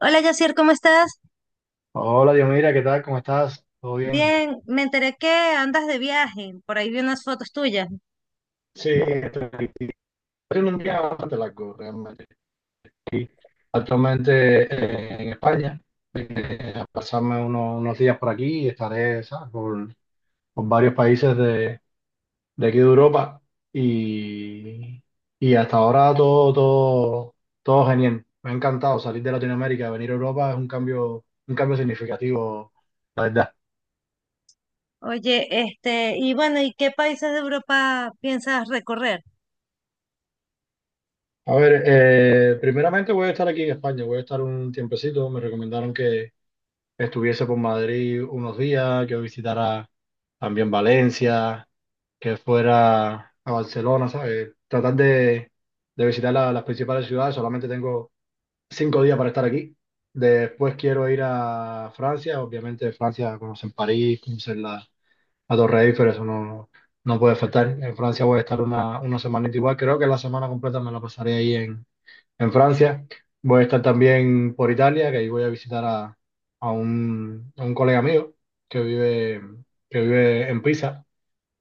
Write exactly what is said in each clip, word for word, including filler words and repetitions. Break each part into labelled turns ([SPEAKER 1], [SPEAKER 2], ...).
[SPEAKER 1] Hola, Yacir, ¿cómo estás?
[SPEAKER 2] Hola, Dios, mira, ¿qué tal? ¿Cómo estás? ¿Todo bien?
[SPEAKER 1] Bien, me enteré que andas de viaje, por ahí vi unas fotos tuyas.
[SPEAKER 2] Sí, estoy aquí. Ha sido un día bastante largo realmente. Aquí, actualmente eh, en España, eh, a pasarme uno- unos días por aquí y estaré, ¿sabes? Por, por varios países de, de aquí de Europa y, y hasta ahora todo, todo, todo genial. Me ha encantado salir de Latinoamérica, venir a Europa es un cambio, un cambio significativo, la verdad.
[SPEAKER 1] Oye, este, y bueno, ¿y qué países de Europa piensas recorrer?
[SPEAKER 2] A ver, eh, primeramente voy a estar aquí en España, voy a estar un tiempecito. Me recomendaron que estuviese por Madrid unos días, que visitara también Valencia, que fuera a Barcelona, ¿sabes? Tratar de, de visitar la- las principales ciudades. Solamente tengo cinco días para estar aquí. Después quiero ir a Francia, obviamente Francia, conocer París, conocer la, la Torre Eiffel, eso no, no puede faltar. En Francia voy a estar una, una semanita igual, creo que la semana completa me la pasaré ahí en Francia. Voy a estar también por Italia, que ahí voy a visitar a, a un, a un colega mío que vive, que vive en Pisa.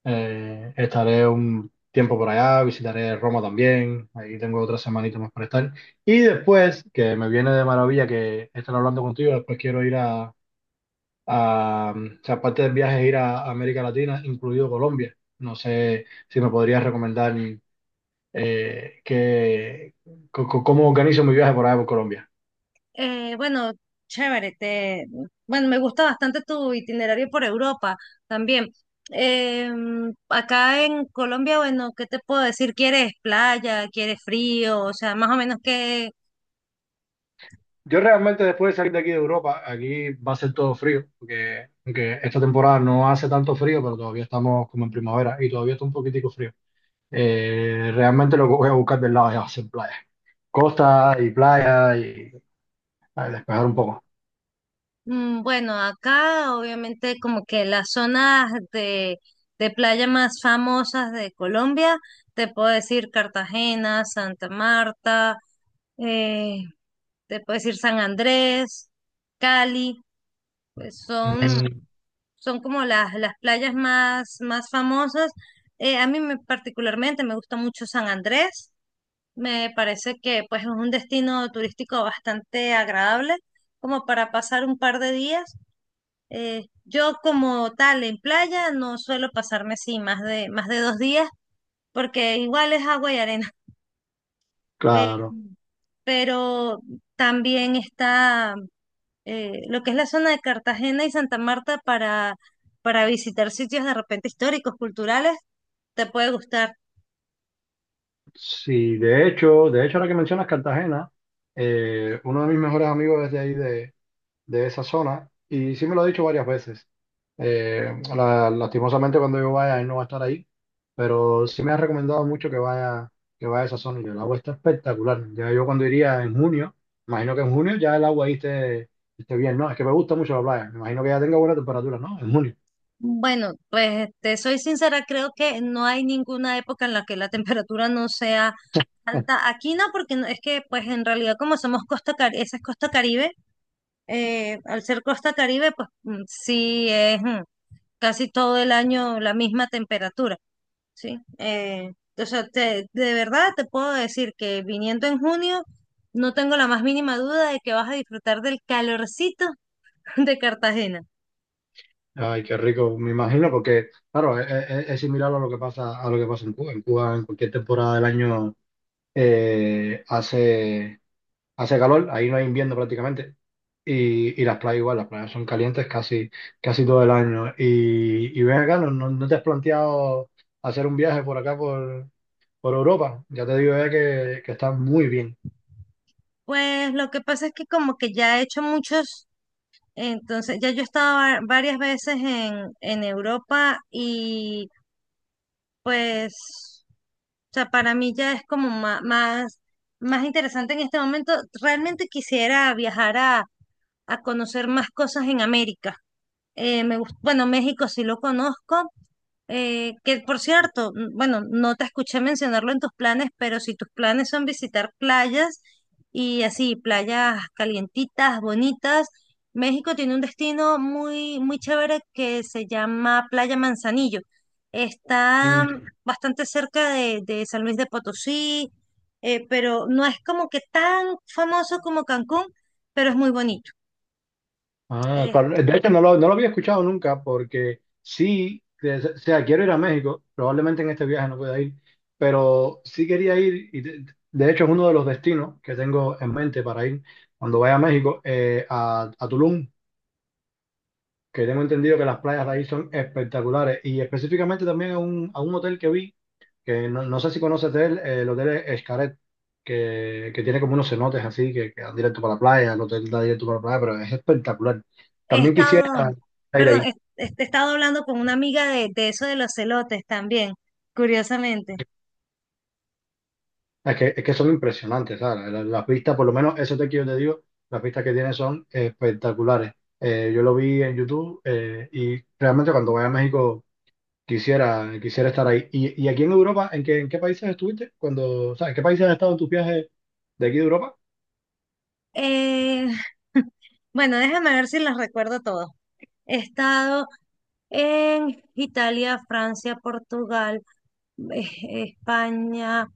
[SPEAKER 2] Eh, estaré un tiempo por allá, visitaré Roma también. Ahí tengo otra semanita más para estar. Y después, que me viene de maravilla que estar hablando contigo, después quiero ir a, a o sea, aparte del viaje, ir a América Latina, incluido Colombia. No sé si me podrías recomendar eh, que, co- co- cómo organizo mi viaje por allá por Colombia.
[SPEAKER 1] Eh, bueno, chévere, te, bueno, me gusta bastante tu itinerario por Europa también. Em, acá en Colombia, bueno, ¿qué te puedo decir? ¿Quieres playa? ¿Quieres frío? O sea, más o menos, ¿qué?
[SPEAKER 2] Yo realmente después de salir de aquí de Europa, aquí va a ser todo frío, porque, aunque esta temporada no hace tanto frío, pero todavía estamos como en primavera y todavía está un poquitico frío. Eh, realmente lo que voy a buscar del lado ya va a ser playa. Costa y playa y a despejar un poco.
[SPEAKER 1] Mm. Bueno, acá obviamente como que las zonas de, de playa más famosas de Colombia, te puedo decir Cartagena, Santa Marta, eh, te puedo decir San Andrés, Cali, pues son,
[SPEAKER 2] Mm,
[SPEAKER 1] son como las, las playas más, más famosas. Eh, a mí me, particularmente me gusta mucho San Andrés, me parece que pues es un destino turístico bastante agradable como para pasar un par de días. Eh, yo como tal en playa no suelo pasarme así más de, más de dos días porque igual es agua y arena. Eh,
[SPEAKER 2] claro.
[SPEAKER 1] pero también está eh, lo que es la zona de Cartagena y Santa Marta para, para visitar sitios de repente históricos, culturales, te puede gustar.
[SPEAKER 2] Sí, de hecho, de hecho ahora que mencionas Cartagena, eh, uno de mis mejores amigos es de ahí de, de esa zona y sí me lo ha dicho varias veces. Eh, la- lastimosamente cuando yo vaya, él no va a estar ahí, pero sí me ha recomendado mucho que vaya, que vaya a esa zona y el agua está espectacular. Ya yo cuando iría en junio, imagino que en junio ya el agua ahí esté, esté bien, ¿no? Es que me gusta mucho la playa, me imagino que ya tenga buena temperatura, ¿no? En junio.
[SPEAKER 1] Bueno, pues te soy sincera, creo que no hay ninguna época en la que la temperatura no sea alta. Aquí no, porque no- es que pues en realidad como somos costa, Cari- esa es costa Caribe, eh, al ser costa Caribe, pues mm, sí es mm, casi todo el año la misma temperatura, ¿sí? Eh, o sea, te- de verdad te puedo decir que viniendo en junio, no tengo la más mínima duda de que vas a disfrutar del calorcito de Cartagena.
[SPEAKER 2] Ay, qué rico, me imagino, porque claro, es, es- es similar a lo que pasa, a lo que pasa en Cuba. En Cuba, en cualquier temporada del año, eh, hace hace calor, ahí no hay invierno prácticamente. Y, y las playas igual, las playas son calientes casi, casi todo el año. Y, y ven acá, ¿no, no, no te has planteado hacer un viaje por acá, por, por Europa? Ya te digo, eh, que, que está muy bien.
[SPEAKER 1] Pues lo que pasa es que como que ya he hecho muchos, entonces ya yo he estado va- varias veces en, en Europa y pues... O sea, para mí ya es como ma- más, más, interesante en este momento. Realmente quisiera viajar a, a conocer más cosas en América. Eh, me gust- bueno, México sí lo conozco, eh, que por cierto, n- bueno, no te escuché mencionarlo en tus planes, pero si tus planes son visitar playas y así, playas calientitas, bonitas, México tiene un destino muy, muy chévere que se llama Playa Manzanillo. Está
[SPEAKER 2] Mm.
[SPEAKER 1] mm, bastante cerca de, de San Luis de Potosí, eh, pero no es como que tan famoso como Cancún, pero es muy bonito.
[SPEAKER 2] Ah, claro. De hecho, no lo, no lo había escuchado nunca porque sí, que- o sea, quiero ir a México, probablemente en este viaje no pueda ir, pero sí quería ir y de, de hecho es uno de los destinos que tengo en mente para ir cuando vaya a México, eh, a, a Tulum. Que tengo entendido que las playas de ahí son espectaculares y específicamente también a un, a un hotel que vi, que no, no sé si conoces de él, eh, el hotel Escaret, que, que tiene como unos cenotes así que, que dan directo para la playa, el hotel da directo para la playa, pero es espectacular.
[SPEAKER 1] He
[SPEAKER 2] También quisiera
[SPEAKER 1] estado,
[SPEAKER 2] ir
[SPEAKER 1] perdón,
[SPEAKER 2] ahí,
[SPEAKER 1] he, he estado hablando con una amiga de, de eso de los celotes también, curiosamente.
[SPEAKER 2] es que, es que son impresionantes, ¿sabes? La- Las, vistas, por lo menos ese hotel que yo te digo, las vistas que tiene son espectaculares. Eh, yo lo vi en YouTube, eh, y realmente cuando voy a México, quisiera, quisiera estar ahí. ¿Y, y aquí en Europa, en qué, en qué países estuviste? Cuando, o sea, ¿en qué países has estado en tus viajes de aquí de Europa?
[SPEAKER 1] Eh, bueno, déjame ver si los recuerdo todos. He estado en Italia, Francia, Portugal, eh, España,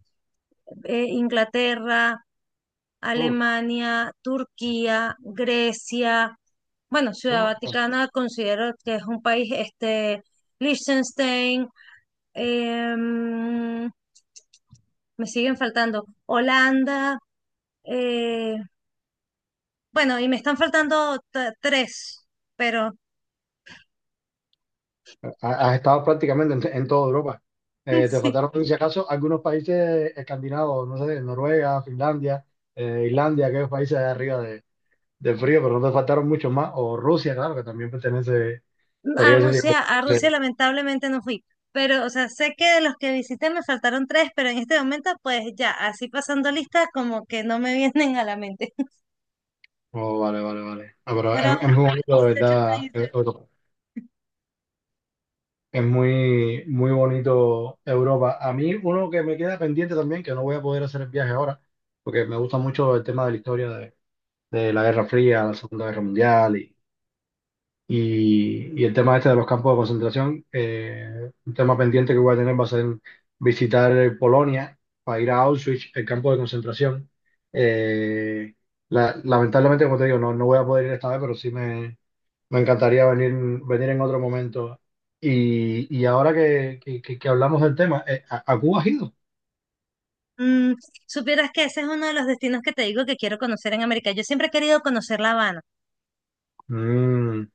[SPEAKER 1] eh, Inglaterra,
[SPEAKER 2] Uf,
[SPEAKER 1] Alemania, Turquía, Grecia. Bueno, Ciudad
[SPEAKER 2] uf,
[SPEAKER 1] Vaticana considero que es un país, este, Liechtenstein, em, me siguen faltando Holanda, eh, bueno, y me están faltando t- tres, pero
[SPEAKER 2] ha- has estado prácticamente en, en toda Europa. Eh, te
[SPEAKER 1] sí,
[SPEAKER 2] faltaron, si acaso, algunos países escandinavos, no sé, Noruega, Finlandia, eh, Islandia, aquellos países de arriba de, del frío, pero no te faltaron muchos más. O Rusia, claro, que también pertenece,
[SPEAKER 1] a
[SPEAKER 2] podría decir. Que-
[SPEAKER 1] Rusia, a Rusia
[SPEAKER 2] sí.
[SPEAKER 1] lamentablemente no fui. Pero, o sea, sé que de los que visité me faltaron tres, pero en este momento, pues ya, así pasando listas, como que no me vienen a la mente.
[SPEAKER 2] Oh, vale, vale, vale. Ah, pero es,
[SPEAKER 1] Fueron
[SPEAKER 2] es muy bonito, de
[SPEAKER 1] dieciocho
[SPEAKER 2] verdad,
[SPEAKER 1] países.
[SPEAKER 2] Europa. Es muy, muy bonito Europa. A mí, uno que me queda pendiente también, que no voy a poder hacer el viaje ahora, porque me gusta mucho el tema de la historia de, de la Guerra Fría, la Segunda Guerra Mundial y, y- y el tema este de los campos de concentración. Eh, un tema pendiente que voy a tener va a ser visitar, eh, Polonia, para ir a Auschwitz, el campo de concentración. Eh, la- Lamentablemente, como te digo, no, no voy a poder ir esta vez, pero sí me encantaría venir, venir en otro momento. Y, y ahora que, que- que- que hablamos del tema, eh, ¿a, a Cuba has ido?
[SPEAKER 1] Mm, supieras que ese es uno de los destinos que te digo que quiero conocer en América. Yo siempre he querido conocer La Habana.
[SPEAKER 2] Mm,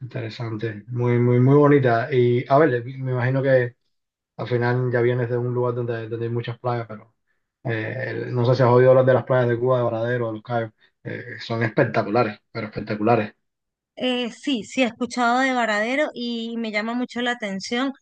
[SPEAKER 2] interesante, muy, muy, muy bonita. Y a ver, me imagino que al final ya vienes de un lugar donde, donde hay muchas playas, pero eh, no sé si has oído hablar de las playas de Cuba, de Varadero, de Los Cayos. Eh, son espectaculares, pero espectaculares.
[SPEAKER 1] Eh, sí, sí, he escuchado de Varadero y me llama mucho la atención.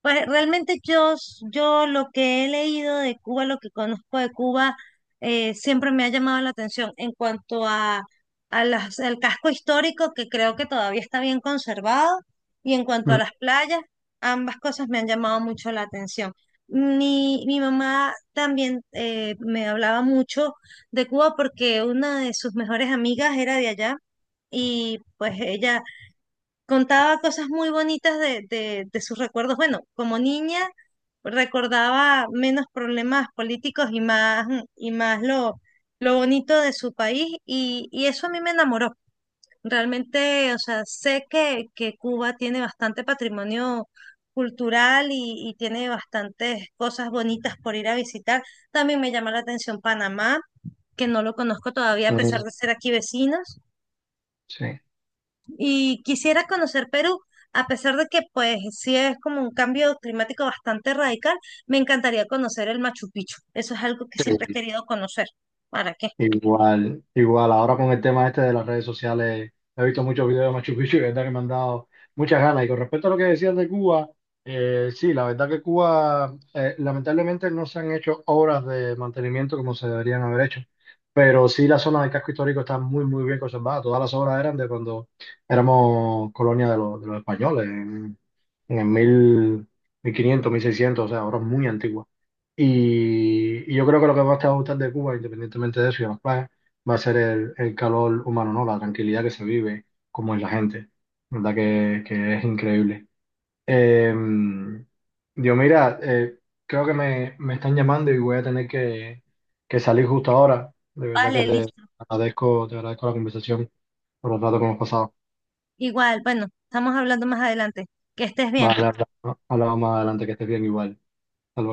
[SPEAKER 1] Pues realmente yo, s- yo lo que he leído de Cuba, lo que conozco de Cuba, eh, siempre me ha llamado la atención en cuanto a, a las, al casco histórico, que creo que todavía está bien conservado, y en cuanto a
[SPEAKER 2] Mm,
[SPEAKER 1] las playas, ambas cosas me han llamado mucho la atención. Mi, mi mamá también eh, me hablaba mucho de Cuba porque una de sus mejores amigas era de allá y pues ella contaba cosas muy bonitas de, de, de sus recuerdos. Bueno, como niña recordaba menos problemas políticos y más, y más lo, lo bonito de su país y, y eso a mí me enamoró. Realmente, o sea, sé que, que Cuba tiene bastante patrimonio cultural y, y tiene bastantes cosas bonitas por ir a visitar. También me llama la atención Panamá, que no lo conozco todavía a pesar
[SPEAKER 2] mm,
[SPEAKER 1] de ser aquí vecinos.
[SPEAKER 2] sí.
[SPEAKER 1] Y quisiera conocer Perú, a pesar de que pues sí es como un cambio climático bastante radical, me encantaría conocer el Machu Picchu. Eso es algo que siempre he querido conocer. ¿Para qué?
[SPEAKER 2] Igual, igual, ahora con el tema este de las redes sociales, he visto muchos videos de Machu Picchu y la verdad que me han dado muchas ganas. Y con respecto a lo que decías de Cuba, eh, sí, la verdad que Cuba, eh, lamentablemente no se han hecho obras de mantenimiento como se deberían haber hecho, pero sí la zona del casco histórico está muy, muy bien conservada. Todas las obras eran de cuando éramos colonia de los, de los españoles, en, en el mil, mil quinientos, mil seiscientos, o sea, obras muy antiguas. Y, y yo creo que lo que más te va a gustar de Cuba, independientemente de eso y de los planes, va a ser el, el calor humano, ¿no? La tranquilidad que se vive, como es la gente, ¿verdad? Que, que es increíble. Eh, yo, mira, eh, creo que me, me están llamando y voy a tener que, que salir justo ahora. De verdad que
[SPEAKER 1] Vale,
[SPEAKER 2] te
[SPEAKER 1] listo.
[SPEAKER 2] agradezco, te agradezco la conversación por el rato que hemos pasado.
[SPEAKER 1] Igual, bueno, estamos hablando más adelante. Que estés bien.
[SPEAKER 2] Vale, hablamos más adelante, que estés bien igual. Hasta luego.